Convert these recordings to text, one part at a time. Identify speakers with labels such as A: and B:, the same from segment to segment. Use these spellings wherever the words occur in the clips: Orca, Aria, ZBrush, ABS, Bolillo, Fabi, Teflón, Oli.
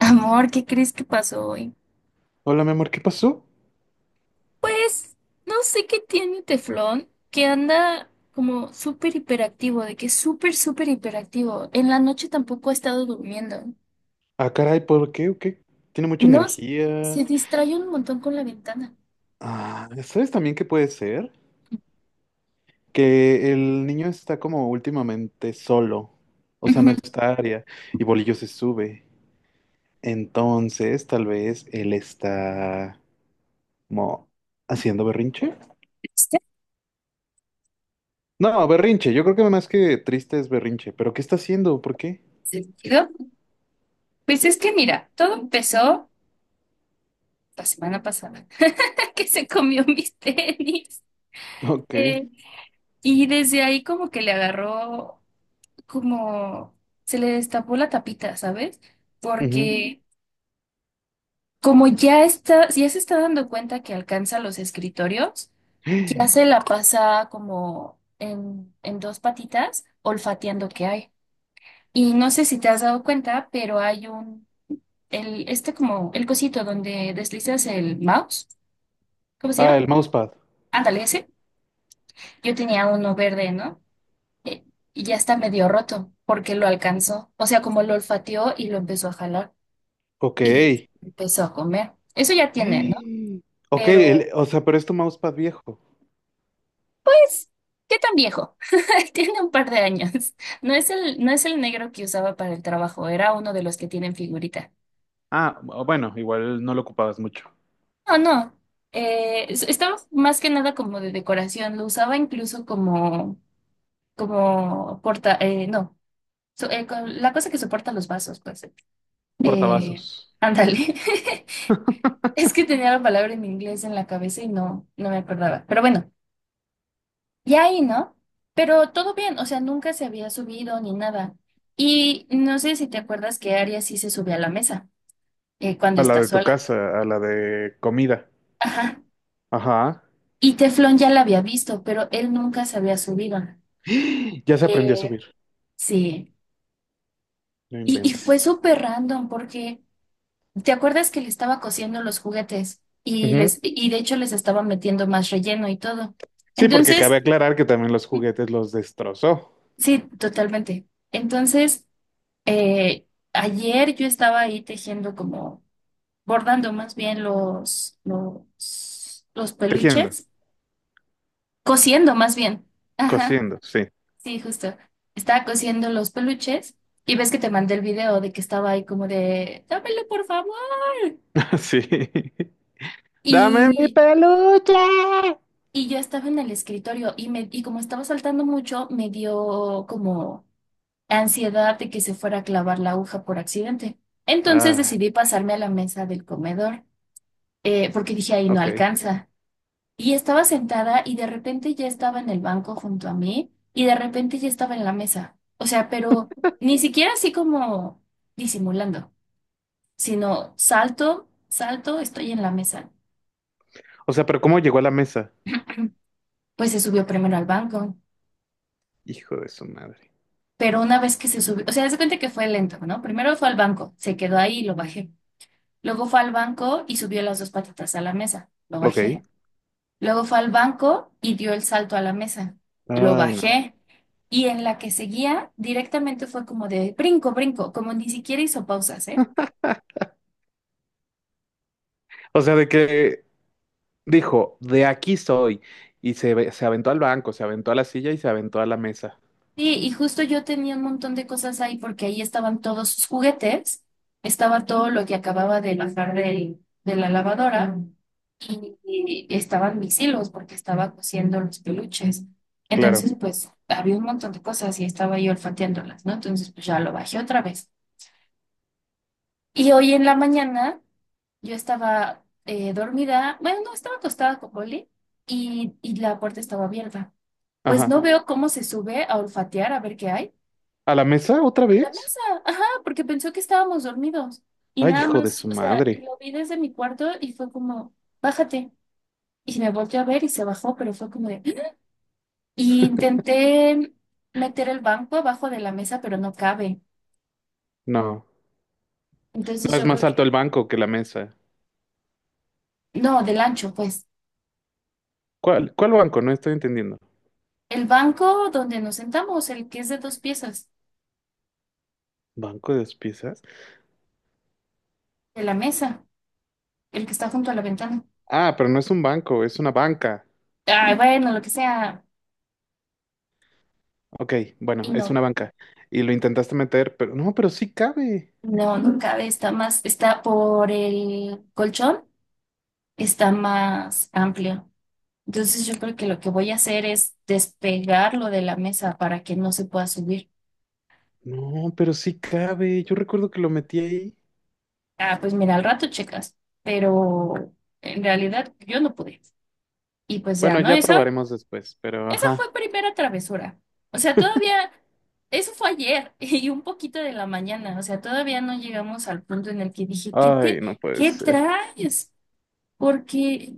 A: Amor, ¿qué crees que pasó hoy?
B: Hola, mi amor, ¿qué pasó?
A: Pues no sé qué tiene Teflón, que anda como súper hiperactivo, de que es súper, súper hiperactivo. En la noche tampoco ha estado durmiendo.
B: Ah, caray, ¿por qué? ¿O qué? Tiene mucha
A: No,
B: energía.
A: se distrae un montón con la ventana.
B: Ah, ¿sabes también qué puede ser? Que el niño está como últimamente solo. O sea, no
A: Ujú.
B: está área. Y Bolillo se sube. Entonces, tal vez él está como haciendo berrinche.
A: ¿Este
B: No, berrinche. Yo creo que más que triste es berrinche. ¿Pero qué está haciendo? ¿Por qué?
A: sentido? Pues es que mira, todo empezó la semana pasada, que se comió mis tenis.
B: Ok.
A: Eh, y desde ahí como que le agarró, como se le destapó la tapita, ¿sabes?
B: Ujú.
A: Porque como ya está, ya se está dando cuenta que alcanza los escritorios, ya se la pasa como en dos patitas, olfateando qué hay. Y no sé si te has dado cuenta, pero hay un, el, este como, el cosito donde deslizas el mouse, ¿cómo se
B: Ah,
A: llama?
B: el mousepad.
A: Ándale, ese. Yo tenía uno verde, ¿no? Eh, y ya está medio roto, porque lo alcanzó. O sea, como lo olfateó y lo empezó a jalar
B: Ok.
A: y empezó a comer. Eso ya tiene, ¿no?
B: Ok,
A: Pero
B: o sea, pero es tu mousepad viejo.
A: pues, ¿qué tan viejo? Tiene un par de años. No es el negro que usaba para el trabajo, era uno de los que tienen figurita.
B: Ah, bueno, igual no lo ocupabas mucho.
A: No, no. Estaba más que nada como de decoración. Lo usaba incluso como, como porta, no, la cosa que soporta los vasos, pues. Eh,
B: Portavasos.
A: ándale. Es que tenía la palabra en inglés en la cabeza y no, no me acordaba. Pero bueno. Y ahí, ¿no? Pero todo bien, o sea, nunca se había subido ni nada. Y no sé si te acuerdas que Aria sí se subió a la mesa cuando
B: A la
A: está
B: de tu
A: sola.
B: casa, a la de comida.
A: Ajá.
B: Ajá.
A: Y Teflón ya la había visto, pero él nunca se había subido.
B: Ya se aprendió a
A: Eh,
B: subir.
A: sí.
B: No
A: Y fue
B: inventes.
A: súper random porque, ¿te acuerdas que le estaba cociendo los juguetes?
B: Ujú.
A: Y de hecho les estaba metiendo más relleno y todo.
B: Sí, porque cabe
A: Entonces,
B: aclarar que también los juguetes los destrozó.
A: sí, totalmente. Entonces, eh, ayer yo estaba ahí tejiendo como bordando más bien los
B: Tejiendo,
A: peluches, cosiendo más bien. Ajá,
B: cosiendo, sí.
A: sí, justo. Estaba cosiendo los peluches y ves que te mandé el video de que estaba ahí como de, dámelo por favor.
B: Sí. ¡Dame mi
A: Y,
B: peluche!
A: y yo estaba en el escritorio y como estaba saltando mucho, me dio como ansiedad de que se fuera a clavar la aguja por accidente. Entonces
B: Ah,
A: decidí pasarme a la mesa del comedor, porque dije, ahí no
B: ok.
A: alcanza. Y estaba sentada y de repente ya estaba en el banco junto a mí y de repente ya estaba en la mesa. O sea, pero ni siquiera así como disimulando, sino salto, salto, estoy en la mesa.
B: O sea, pero ¿cómo llegó a la mesa?
A: Pues se subió primero al banco,
B: Hijo de su madre.
A: pero una vez que se subió, o sea, haz de cuenta que fue lento, ¿no? Primero fue al banco, se quedó ahí y lo bajé. Luego fue al banco y subió las dos patitas a la mesa, lo
B: Ok.
A: bajé. Luego fue al banco y dio el salto a la mesa. Lo
B: Ay, no.
A: bajé y en la que seguía directamente fue como de brinco, brinco, como ni siquiera hizo pausas, ¿eh?
B: O sea, de que dijo, de aquí soy. Y se, se aventó al banco, se aventó a la silla y se aventó a la mesa.
A: Sí, y justo yo tenía un montón de cosas ahí porque ahí estaban todos sus juguetes, estaba todo lo que acababa de bajar de la lavadora y estaban mis hilos porque estaba cosiendo los peluches.
B: Claro.
A: Entonces, pues había un montón de cosas y estaba yo olfateándolas, ¿no? Entonces, pues ya lo bajé otra vez. Y hoy en la mañana yo estaba dormida, bueno, no, estaba acostada con Oli y la puerta estaba abierta. Pues
B: Ajá.
A: no veo cómo se sube a olfatear a ver qué hay.
B: ¿A la mesa otra
A: A la
B: vez?
A: mesa, ajá, porque pensó que estábamos dormidos. Y
B: Ay,
A: nada
B: hijo de
A: más,
B: su
A: o sea, y
B: madre.
A: lo vi desde mi cuarto y fue como, bájate. Y me volteó a ver y se bajó, pero fue como de... "Ah". Y intenté meter el banco abajo de la mesa, pero no cabe.
B: No.
A: Entonces
B: No es
A: yo
B: más
A: creo
B: alto el
A: que...
B: banco que la mesa.
A: No, del ancho, pues.
B: ¿Cuál banco? No estoy entendiendo.
A: El banco donde nos sentamos, el que es de dos piezas,
B: ¿Banco de dos piezas?
A: de la mesa, el que está junto a la ventana.
B: Ah, pero no es un banco, es una banca.
A: Ah, bueno, lo que sea.
B: Ok, bueno,
A: Y
B: es una
A: no,
B: banca. Y lo intentaste meter, pero no, pero sí cabe.
A: no, no cabe, está más, está por el colchón, está más amplio. Entonces yo creo que lo que voy a hacer es despegarlo de la mesa para que no se pueda subir.
B: No, pero sí cabe. Yo recuerdo que lo metí ahí.
A: Ah, pues mira, al rato checas, pero en realidad yo no pude. Y pues ya,
B: Bueno,
A: ¿no?
B: ya
A: Eso.
B: probaremos después, pero
A: Esa
B: ajá.
A: fue primera travesura. O sea, todavía, eso fue ayer y un poquito de la mañana. O sea, todavía no llegamos al punto en el que dije, ¿qué te,
B: Ay, no puede
A: qué
B: ser.
A: traes? Porque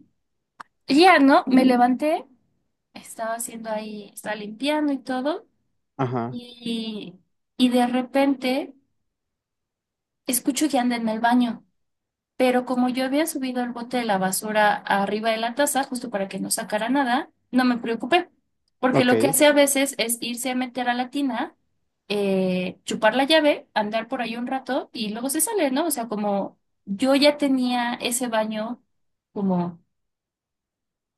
A: ya, ¿no? Me levanté, estaba haciendo ahí, estaba limpiando y todo,
B: Ajá.
A: y, y de repente escucho que anda en el baño. Pero como yo había subido el bote de la basura arriba de la taza, justo para que no sacara nada, no me preocupé. Porque lo que
B: Ok.
A: hace a veces es irse a meter a la tina, chupar la llave, andar por ahí un rato y luego se sale, ¿no? O sea, como yo ya tenía ese baño como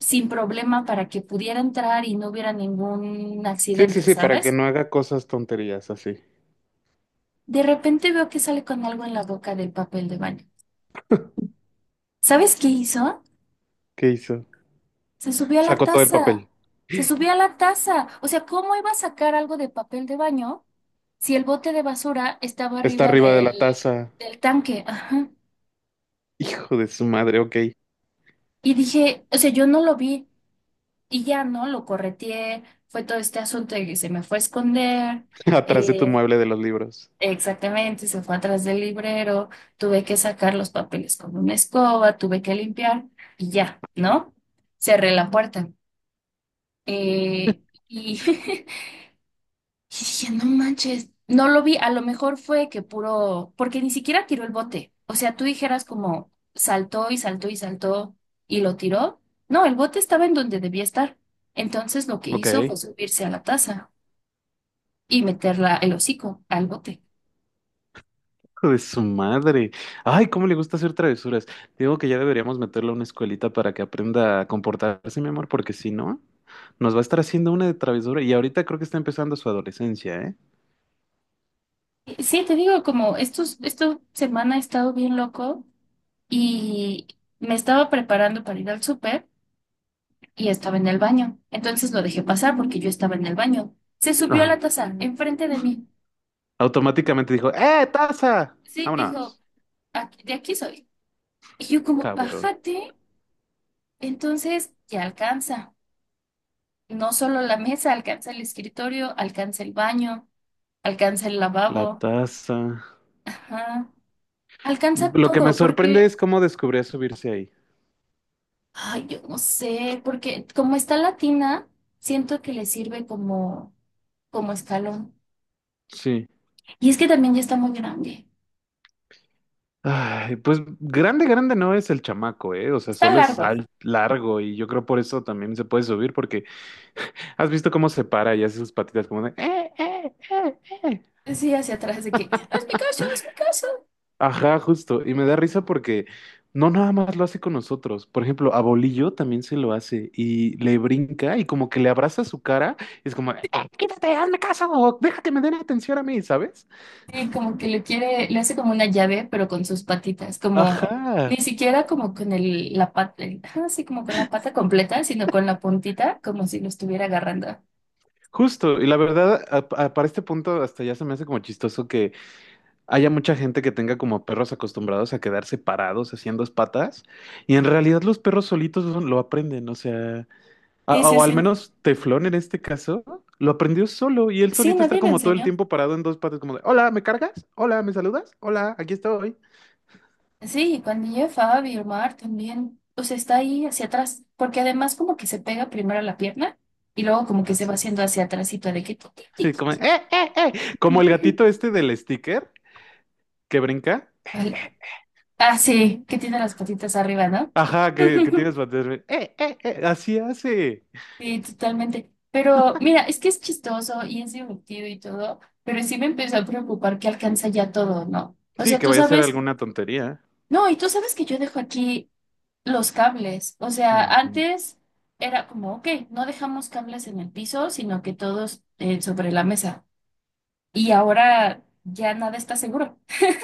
A: sin problema para que pudiera entrar y no hubiera ningún
B: Sí, sí,
A: accidente,
B: sí, para que
A: ¿sabes?
B: no haga cosas tonterías así.
A: De repente veo que sale con algo en la boca del papel de baño. ¿Sabes qué hizo?
B: ¿Qué hizo?
A: Se subió a la
B: Sacó todo el
A: taza.
B: papel.
A: Se subió a la taza. O sea, ¿cómo iba a sacar algo de papel de baño si el bote de basura estaba
B: Está
A: arriba
B: arriba de la taza.
A: del tanque? Ajá.
B: Hijo de su madre, ok.
A: Y dije, o sea, yo no lo vi y ya no lo correteé. Fue todo este asunto de que se me fue a esconder.
B: Atrás de tu
A: eh,
B: mueble de los libros.
A: Exactamente, se fue atrás del librero. Tuve que sacar los papeles con una escoba, tuve que limpiar y ya, ¿no? Cerré la puerta. eh, y y dije, no manches, no lo vi, a lo mejor fue que puro, porque ni siquiera tiró el bote. O sea, tú dijeras como saltó y saltó y saltó y lo tiró. No, el bote estaba en donde debía estar. Entonces lo que
B: Ok.
A: hizo fue
B: Hijo
A: subirse a la taza y meterla el hocico al bote.
B: de su madre. Ay, cómo le gusta hacer travesuras. Digo que ya deberíamos meterle a una escuelita para que aprenda a comportarse, mi amor, porque si no, nos va a estar haciendo una de travesura. Y ahorita creo que está empezando su adolescencia, ¿eh?
A: Sí, te digo, como estos, esta semana he estado bien loco y me estaba preparando para ir al súper y estaba en el baño. Entonces lo dejé pasar porque yo estaba en el baño. Se subió a
B: Ajá.
A: la taza enfrente de mí.
B: Automáticamente dijo, ¡eh, taza!
A: Sí, dijo,
B: Vámonos.
A: "Aquí- de aquí soy". Y yo como,
B: Cabrón.
A: bájate, entonces ya alcanza. No solo la mesa, alcanza el escritorio, alcanza el baño, alcanza el
B: La
A: lavabo,
B: taza.
A: ajá, alcanza
B: Lo que me
A: todo,
B: sorprende
A: porque,
B: es cómo descubrió subirse ahí.
A: ay, yo no sé, porque como está latina, siento que le sirve como, como escalón.
B: Sí.
A: Y es que también ya está muy grande.
B: Ay, pues grande, grande no es el chamaco, ¿eh? O sea,
A: Está
B: solo es
A: largo.
B: al largo y yo creo por eso también se puede subir porque has visto cómo se para y hace sus patitas como de... eh".
A: Sí, hacia atrás de que, es mi caso, es mi caso.
B: Ajá, justo. Y me da risa porque no nada más lo hace con nosotros. Por ejemplo, a Bolillo también se lo hace y le brinca y como que le abraza su cara, y es como, quítate, hazme caso, déjate, me den atención a mí, ¿sabes?
A: Sí, como que le quiere, le hace como una llave, pero con sus patitas, como
B: Ajá.
A: ni siquiera como con el, la pata, así como con la pata completa, sino con la puntita, como si lo estuviera agarrando.
B: Justo, y la verdad, para este punto hasta ya se me hace como chistoso que haya mucha gente que tenga como perros acostumbrados a quedarse parados haciendo dos patas, y en realidad los perros solitos lo aprenden, o sea,
A: Sí, sí,
B: o al
A: sí.
B: menos Teflón en este caso, lo aprendió solo, y él
A: Sí,
B: solito está
A: nadie le
B: como todo el
A: enseñó.
B: tiempo parado en dos patas, como de, hola, ¿me cargas? Hola, ¿me saludas? Hola, aquí estoy.
A: Sí, y cuando llega Fabi, el mar también, o sea, está ahí hacia atrás, porque además como que se pega primero a la pierna y luego como que se va
B: Así,
A: haciendo hacia atrásito de que... tic, tic,
B: como,
A: tic,
B: eh, eh", como el
A: tic.
B: gatito este del sticker que brinca,
A: Vale. Ah, sí, que tiene las patitas arriba, ¿no?
B: ajá, que, tienes, así hace.
A: Sí, totalmente. Pero mira, es que es chistoso y es divertido y todo, pero sí me empezó a preocupar que alcanza ya todo, ¿no? O
B: Sí,
A: sea,
B: que
A: tú
B: vaya a ser
A: sabes,
B: alguna tontería.
A: no, y tú sabes que yo dejo aquí los cables. O sea,
B: Ujú.
A: antes era como, ok, no dejamos cables en el piso, sino que todos sobre la mesa. Y ahora ya nada está seguro.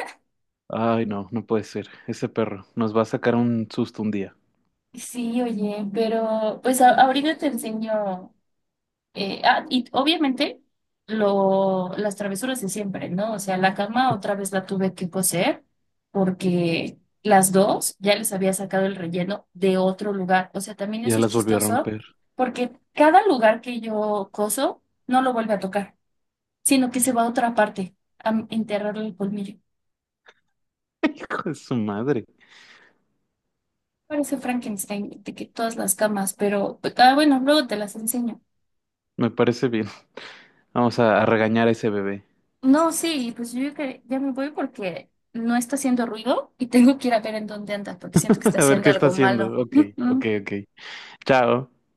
B: Ay, no, no puede ser. Ese perro nos va a sacar un susto un día.
A: Sí, oye, pero pues ahorita te enseño. Y obviamente las travesuras de siempre, ¿no? O sea, la cama otra vez la tuve que coser porque las dos ya les había sacado el relleno de otro lugar. O sea, también
B: Ya
A: eso es
B: las volvió a
A: chistoso
B: romper.
A: porque cada lugar que yo coso no lo vuelve a tocar, sino que se va a otra parte a enterrarle el colmillo.
B: Hijo de su madre.
A: Parece Frankenstein de que todas las camas, pero ah, bueno, luego te las enseño.
B: Me parece bien. Vamos a regañar a ese bebé.
A: No, sí, pues yo creo que ya me voy porque no está haciendo ruido y tengo que ir a ver en dónde andas porque siento que está
B: A ver
A: haciendo
B: qué está
A: algo malo.
B: haciendo. Ok, ok, ok. Chao.